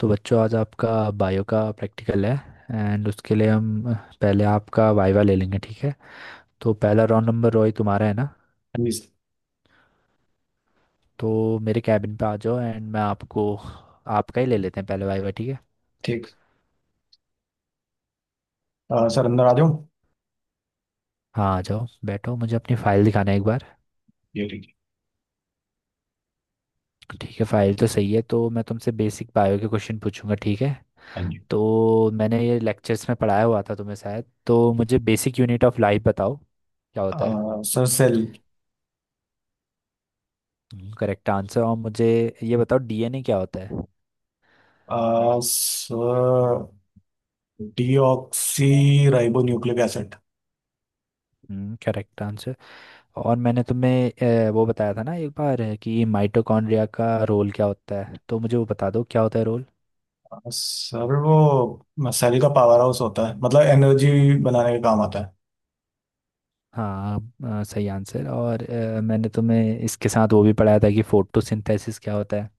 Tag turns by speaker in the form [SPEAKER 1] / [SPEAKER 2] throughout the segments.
[SPEAKER 1] तो बच्चों आज आपका बायो का प्रैक्टिकल है। एंड उसके लिए हम पहले आपका वाइवा ले लेंगे, ठीक है। तो पहला राउंड नंबर रोई तुम्हारा है ना।
[SPEAKER 2] हाँ जी सर।
[SPEAKER 1] तो मेरे कैबिन पे आ जाओ एंड मैं आपको आपका ही ले लेते हैं पहले वाइवा, ठीक है।
[SPEAKER 2] ठीक। सर अंदर आ जाओ।
[SPEAKER 1] हाँ आ जाओ बैठो, मुझे अपनी फाइल दिखाना है एक बार।
[SPEAKER 2] ये ठीक है।
[SPEAKER 1] ठीक है, फाइल तो सही है। तो मैं तुमसे बेसिक बायो के क्वेश्चन पूछूंगा, ठीक है।
[SPEAKER 2] हाँ जी।
[SPEAKER 1] तो मैंने ये लेक्चर्स में पढ़ाया हुआ था तुम्हें शायद, तो मुझे बेसिक यूनिट ऑफ लाइफ बताओ क्या होता है।
[SPEAKER 2] Sir cell.
[SPEAKER 1] Correct answer. और मुझे ये बताओ डीएनए क्या होता है।
[SPEAKER 2] Sir deoxyribonucleic acid.
[SPEAKER 1] Hmm, correct answer. और मैंने तुम्हें वो बताया था ना एक बार कि माइटोकॉन्ड्रिया का रोल क्या होता है, तो मुझे वो बता दो क्या होता है रोल।
[SPEAKER 2] सर वो सेल का पावर हाउस होता है, मतलब एनर्जी बनाने के काम आता है।
[SPEAKER 1] हाँ सही आंसर। और मैंने तुम्हें इसके साथ वो भी पढ़ाया था कि फोटोसिंथेसिस क्या होता है।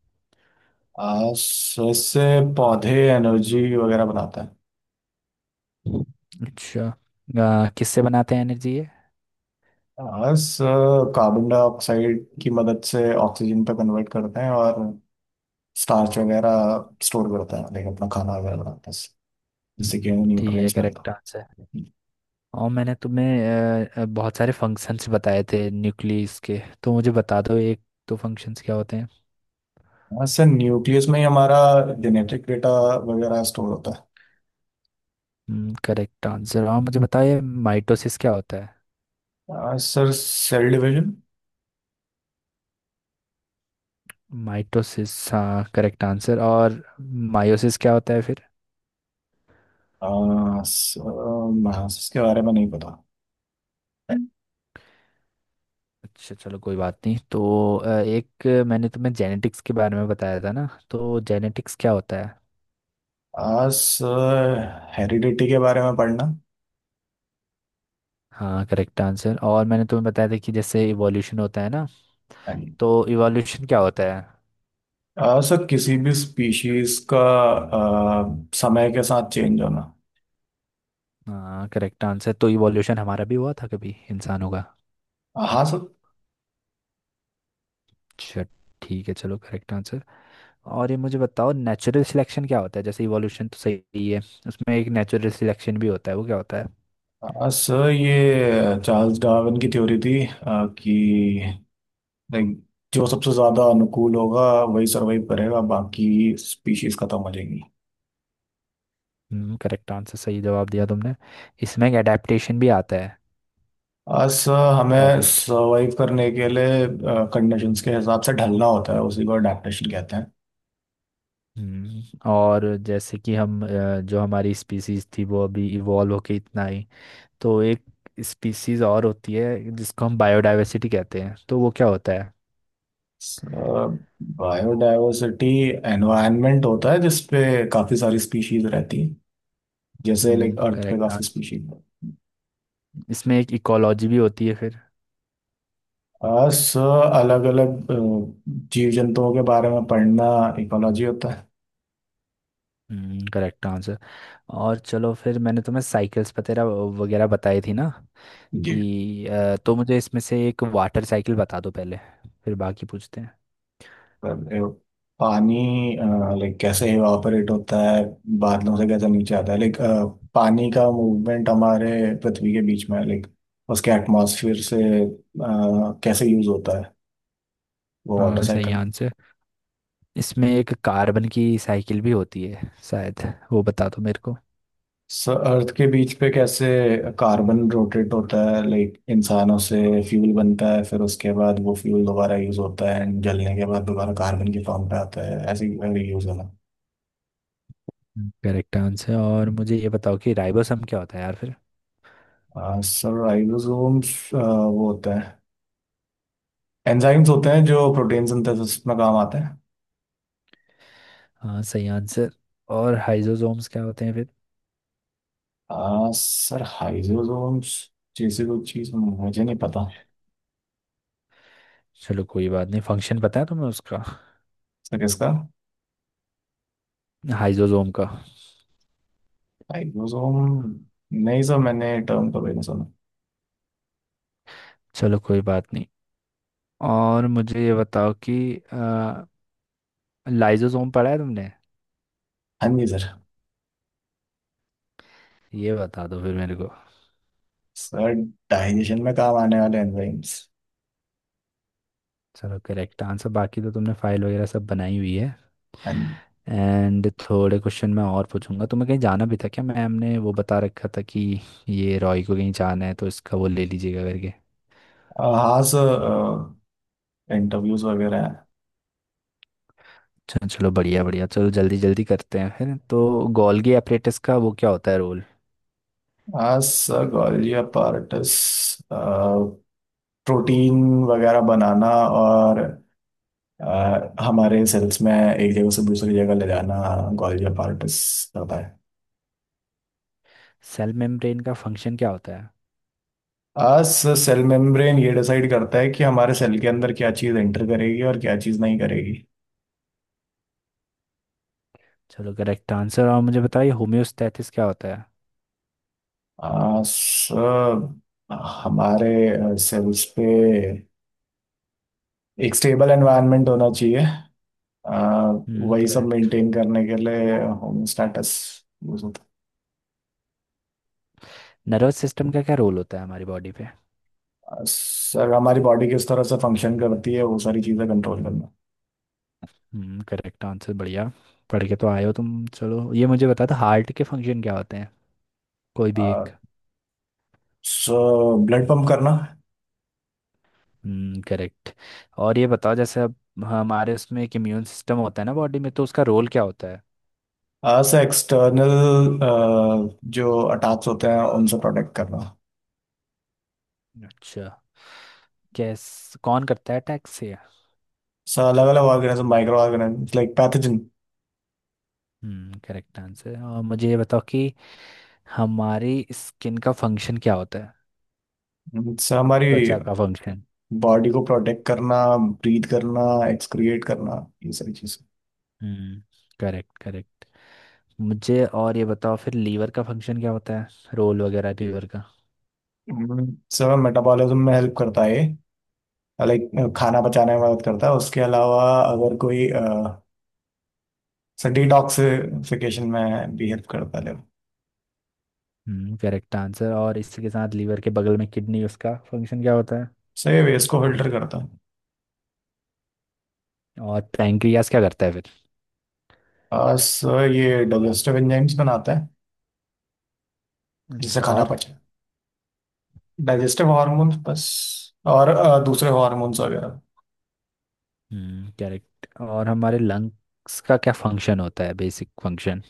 [SPEAKER 2] सर इससे पौधे एनर्जी वगैरह बनाते हैं।
[SPEAKER 1] अच्छा, किससे बनाते हैं एनर्जी ये।
[SPEAKER 2] सर कार्बन डाइऑक्साइड की मदद से ऑक्सीजन पे कन्वर्ट करते हैं और स्टार्च वगैरह स्टोर करते हैं, लेकिन अपना खाना वगैरह बनाते हैं जिससे कि
[SPEAKER 1] ठीक है,
[SPEAKER 2] न्यूट्रिएंट्स मिलता है।
[SPEAKER 1] Correct answer. और मैंने तुम्हें बहुत सारे फंक्शंस बताए थे न्यूक्लियस के, तो मुझे बता दो एक, तो फंक्शंस क्या होते हैं।
[SPEAKER 2] हाँ सर, न्यूक्लियस में ही हमारा जेनेटिक डेटा वगैरह स्टोर होता है।
[SPEAKER 1] Correct answer. और मुझे बताइए माइटोसिस क्या होता है।
[SPEAKER 2] हाँ, सर सेल डिवीजन।
[SPEAKER 1] माइटोसिस हाँ, करेक्ट आंसर। और मायोसिस क्या होता है फिर।
[SPEAKER 2] हाँ सर, हाँ, इसके बारे में नहीं पता।
[SPEAKER 1] अच्छा चलो कोई बात नहीं। तो एक मैंने तुम्हें जेनेटिक्स के बारे में बताया था ना, तो जेनेटिक्स क्या होता है।
[SPEAKER 2] हाँ सर, हेरिडिटी के बारे में पढ़ना।
[SPEAKER 1] हाँ करेक्ट आंसर। और मैंने तुम्हें बताया था कि जैसे इवोल्यूशन होता है ना,
[SPEAKER 2] नहीं।
[SPEAKER 1] तो इवोल्यूशन क्या होता है।
[SPEAKER 2] हाँ सर, किसी भी स्पीशीज का समय के साथ चेंज होना।
[SPEAKER 1] हाँ करेक्ट आंसर। तो इवोल्यूशन हमारा भी हुआ था कभी इंसानों का।
[SPEAKER 2] हाँ सर।
[SPEAKER 1] अच्छा, ठीक है चलो, करेक्ट आंसर। और ये मुझे बताओ नेचुरल सिलेक्शन क्या होता है, जैसे इवोल्यूशन तो सही ही है, उसमें एक नेचुरल सिलेक्शन भी होता है, वो क्या होता है।
[SPEAKER 2] हाँ सर, ये चार्ल्स डार्विन की थ्योरी थी कि like, जो सबसे ज्यादा अनुकूल होगा वही सरवाइव करेगा, बाकी स्पीशीज खत्म हो जाएंगी।
[SPEAKER 1] हम्म, करेक्ट आंसर, सही जवाब दिया तुमने। इसमें एक अडेप्टेशन भी आता है
[SPEAKER 2] आज सर हमें
[SPEAKER 1] टॉपिक।
[SPEAKER 2] सर्वाइव करने के लिए कंडीशंस के हिसाब से ढलना होता है, उसी को अडेप्टेशन कहते हैं।
[SPEAKER 1] हम्म। और जैसे कि हम जो हमारी स्पीसीज थी वो अभी इवॉल्व होके इतना आई, तो एक स्पीसीज और होती है जिसको हम बायोडायवर्सिटी कहते हैं, तो वो क्या होता है।
[SPEAKER 2] बायोडायवर्सिटी एनवायरनमेंट होता है जिसपे काफ़ी सारी स्पीशीज रहती हैं, जैसे लाइक अर्थ पे
[SPEAKER 1] करेक्ट
[SPEAKER 2] काफ़ी
[SPEAKER 1] आंसर।
[SPEAKER 2] स्पीशीज।
[SPEAKER 1] इसमें एक इकोलॉजी भी होती है फिर।
[SPEAKER 2] सर अलग अलग जीव जंतुओं के बारे में पढ़ना इकोलॉजी होता है।
[SPEAKER 1] Correct answer. और चलो फिर मैंने तुम्हें साइकिल्स वगैरह वगैरह बताई थी ना
[SPEAKER 2] जी।
[SPEAKER 1] कि तो मुझे इसमें से एक वाटर साइकिल बता दो पहले, फिर बाकी पूछते हैं।
[SPEAKER 2] कर रहे हो। पानी, लाइक कैसे इवापोरेट होता है, बादलों से कैसे नीचे आता है, लाइक पानी का मूवमेंट हमारे पृथ्वी के बीच में है, लाइक उसके एटमॉस्फेयर से कैसे यूज होता है, वो वाटर
[SPEAKER 1] हाँ सही
[SPEAKER 2] साइकिल।
[SPEAKER 1] आंसर। इसमें एक कार्बन की साइकिल भी होती है शायद, वो बता दो मेरे को।
[SPEAKER 2] अर्थ के बीच पे कैसे कार्बन रोटेट होता है, लाइक इंसानों से फ्यूल बनता है, फिर उसके बाद वो फ्यूल दोबारा यूज होता है एंड जलने के बाद दोबारा कार्बन के फॉर्म पे आता है, ऐसे यूज होना।
[SPEAKER 1] Correct answer. और मुझे ये बताओ कि राइबोसम क्या होता है यार फिर।
[SPEAKER 2] सर राइबोसोम्स वो होता है, एंजाइम्स होते हैं जो प्रोटीन सिंथेसिस में काम आते हैं।
[SPEAKER 1] हाँ सही आंसर। और हाइजोसोम्स क्या होते हैं फिर।
[SPEAKER 2] सर हाइजोसोम्स जैसी कोई चीज मुझे नहीं पता।
[SPEAKER 1] चलो कोई बात नहीं, फंक्शन पता है तुम्हें उसका।
[SPEAKER 2] सर किसका?
[SPEAKER 1] हाइजोसोम का।
[SPEAKER 2] हाइजोसोम। नहीं सर, मैंने टर्म तो नहीं सुना।
[SPEAKER 1] चलो कोई बात नहीं। और मुझे ये बताओ कि आ, लाइजोसोम पढ़ा है तुमने,
[SPEAKER 2] हाँ जी सर।
[SPEAKER 1] ये बता दो फिर मेरे को।
[SPEAKER 2] सर डाइजेशन में काम आने वाले एंजाइम्स।
[SPEAKER 1] चलो करेक्ट आंसर। बाकी तो तुमने फाइल वगैरह सब बनाई हुई है।
[SPEAKER 2] हाँ जी।
[SPEAKER 1] एंड थोड़े क्वेश्चन मैं और पूछूंगा तुम्हें। कहीं जाना भी था क्या, मैम ने वो बता रखा था कि ये रॉय को कहीं जाना है तो इसका वो ले लीजिएगा करके।
[SPEAKER 2] हाँ सर, इंटरव्यूज वगैरह हैं।
[SPEAKER 1] चलो चलो, बढ़िया बढ़िया, चलो जल्दी जल्दी करते हैं फिर तो। गोल्गी एपरेटस का वो क्या होता है रोल।
[SPEAKER 2] हाँ सर, गॉल्गी अपार्टस प्रोटीन वगैरह बनाना और हमारे सेल्स में एक जगह से दूसरी जगह ले जाना, ओंकोलॉजी ऑफ आर्टिस करता है।
[SPEAKER 1] सेल मेम्ब्रेन का फंक्शन क्या होता है।
[SPEAKER 2] आज सेल मेम्ब्रेन ये डिसाइड करता है कि हमारे सेल के अंदर क्या चीज़ एंटर करेगी और क्या चीज़ नहीं करेगी।
[SPEAKER 1] चलो करेक्ट आंसर। और मुझे बताइए होम्योस्टैसिस क्या होता है।
[SPEAKER 2] आज हमारे सेल्स पे एक स्टेबल एनवायरनमेंट होना चाहिए। अ, वही सब
[SPEAKER 1] करेक्ट।
[SPEAKER 2] मेंटेन करने के लिए होमोस्टैटिस वो सब।
[SPEAKER 1] नर्वस सिस्टम का क्या रोल होता है हमारी बॉडी पे।
[SPEAKER 2] आ, सर हमारी बॉडी किस तरह से फंक्शन करती है, वो सारी चीज़ें कंट्रोल करना।
[SPEAKER 1] करेक्ट आंसर, बढ़िया। पढ़ के तो आए हो तुम। चलो ये मुझे बता दो हार्ट के फंक्शन क्या होते हैं, कोई भी एक।
[SPEAKER 2] सो ब्लड पंप करना।
[SPEAKER 1] करेक्ट। और ये बताओ जैसे अब हमारे उसमें एक इम्यून सिस्टम होता है ना बॉडी में, तो उसका रोल क्या होता है।
[SPEAKER 2] अस एक्सटर्नल जो अटैक्स होते हैं उनसे प्रोटेक्ट करना।
[SPEAKER 1] अच्छा, कैस कौन करता है अटैक से।
[SPEAKER 2] सो अलग अलग organism, micro organism, like pathogen.
[SPEAKER 1] Correct answer. और मुझे ये बताओ कि हमारी स्किन का फंक्शन क्या होता है,
[SPEAKER 2] से हमारी
[SPEAKER 1] त्वचा का फंक्शन।
[SPEAKER 2] बॉडी को प्रोटेक्ट करना, ब्रीथ करना, एक्सक्रिएट करना, ये सारी चीज़ें।
[SPEAKER 1] Hmm, correct correct. मुझे और ये बताओ फिर लीवर का फंक्शन क्या होता है, रोल वगैरह लीवर का।
[SPEAKER 2] हम्म, सर मेटाबॉलिज्म में हेल्प करता है, लाइक खाना पचाने में मदद करता है, उसके अलावा अगर कोई सर डिटॉक्सिफिकेशन में भी हेल्प करता है।
[SPEAKER 1] Correct answer. और इसी के साथ लीवर के बगल में किडनी, उसका फंक्शन क्या होता है।
[SPEAKER 2] सर ये वेस्ट को फिल्टर करता है।
[SPEAKER 1] और पैंक्रियास क्या करता है फिर।
[SPEAKER 2] सर ये डाइजेस्टिव एंजाइम्स बनाता है जिससे
[SPEAKER 1] अच्छा।
[SPEAKER 2] खाना
[SPEAKER 1] और
[SPEAKER 2] पचे, डाइजेस्टिव हार्मोन्स बस, और दूसरे हार्मोन्स वगैरह।
[SPEAKER 1] करेक्ट। और हमारे लंग्स का क्या फंक्शन होता है, बेसिक फंक्शन।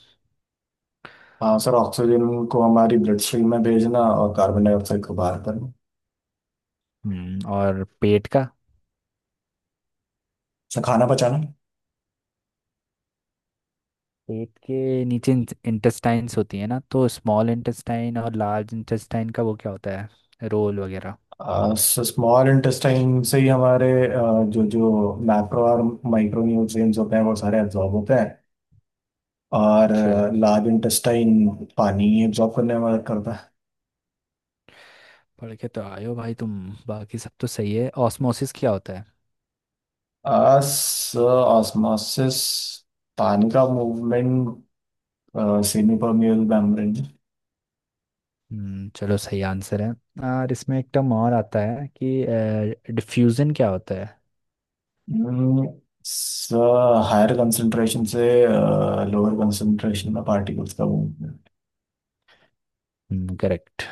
[SPEAKER 2] हाँ सर, ऑक्सीजन को हमारी ब्लड स्ट्रीम में भेजना और कार्बन डाइऑक्साइड को बाहर करना।
[SPEAKER 1] हम्म। और पेट का।
[SPEAKER 2] सर खाना पचाना।
[SPEAKER 1] पेट के नीचे इंटेस्टाइन्स होती है ना, तो स्मॉल इंटेस्टाइन और लार्ज इंटेस्टाइन का वो क्या होता है रोल वगैरह।
[SPEAKER 2] स्मॉल इंटेस्टाइन से ही हमारे जो जो मैक्रो और माइक्रो न्यूट्रिएंट्स होते हैं वो सारे एब्जॉर्ब होते हैं, और
[SPEAKER 1] अच्छा,
[SPEAKER 2] लार्ज इंटेस्टाइन पानी एब्जॉर्ब करने में मदद करता
[SPEAKER 1] पढ़ के तो आयो भाई तुम। बाकी सब तो सही है, ऑस्मोसिस क्या होता है।
[SPEAKER 2] है। ऑस्मोसिस पानी का मूवमेंट, सेमी परमियल मेम्ब्रेन।
[SPEAKER 1] चलो सही आंसर है। और इसमें एक टर्म और आता है कि डिफ्यूजन क्या होता है।
[SPEAKER 2] हायर कंसंट्रेशन से लोअर कंसंट्रेशन में पार्टिकल्स का मूवमेंट।
[SPEAKER 1] करेक्ट।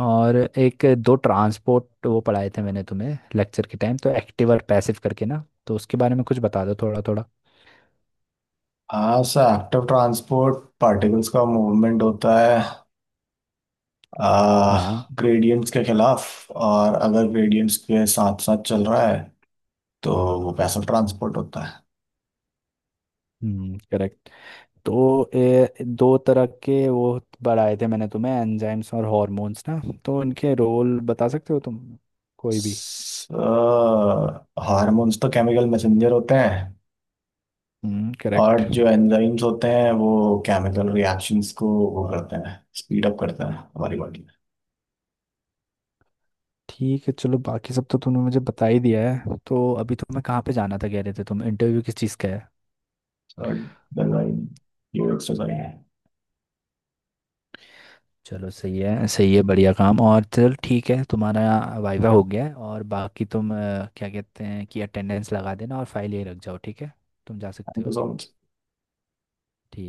[SPEAKER 1] और एक दो ट्रांसपोर्ट वो पढ़ाए थे मैंने तुम्हें लेक्चर के टाइम, तो एक्टिव और पैसिव करके ना, तो उसके बारे में कुछ बता दो थोड़ा थोड़ा।
[SPEAKER 2] हाँ सर, एक्टिव ट्रांसपोर्ट पार्टिकल्स का मूवमेंट होता है
[SPEAKER 1] हाँ
[SPEAKER 2] ग्रेडियंट्स के खिलाफ, और अगर ग्रेडियंट्स के साथ साथ चल रहा है तो वो पैसिव ट्रांसपोर्ट होता है।
[SPEAKER 1] करेक्ट। तो दो तरह के वो पढ़ाए थे मैंने तुम्हें, एंजाइम्स और हॉर्मोन्स ना, तो इनके रोल बता सकते हो तुम, कोई भी।
[SPEAKER 2] हार्मोन्स तो केमिकल मैसेंजर होते हैं।
[SPEAKER 1] करेक्ट।
[SPEAKER 2] और जो एंजाइम्स होते हैं वो केमिकल रिएक्शंस को वो करते हैं, स्पीड अप करते हैं हमारी बॉडी।
[SPEAKER 1] ठीक है चलो, बाकी सब तो तूने मुझे बता ही दिया है। तो अभी तुम्हें कहाँ पे जाना था कह रहे थे तुम, इंटरव्यू किस चीज़ का है।
[SPEAKER 2] Like, then I, you work so like, I
[SPEAKER 1] चलो सही है सही है, बढ़िया काम। और चल ठीक है, तुम्हारा वाइवा हो गया है। और बाकी तुम क्या कहते हैं कि अटेंडेंस लगा देना और फाइल ये रख जाओ, ठीक है। तुम जा सकते हो
[SPEAKER 2] was
[SPEAKER 1] अब।
[SPEAKER 2] on
[SPEAKER 1] ठीक।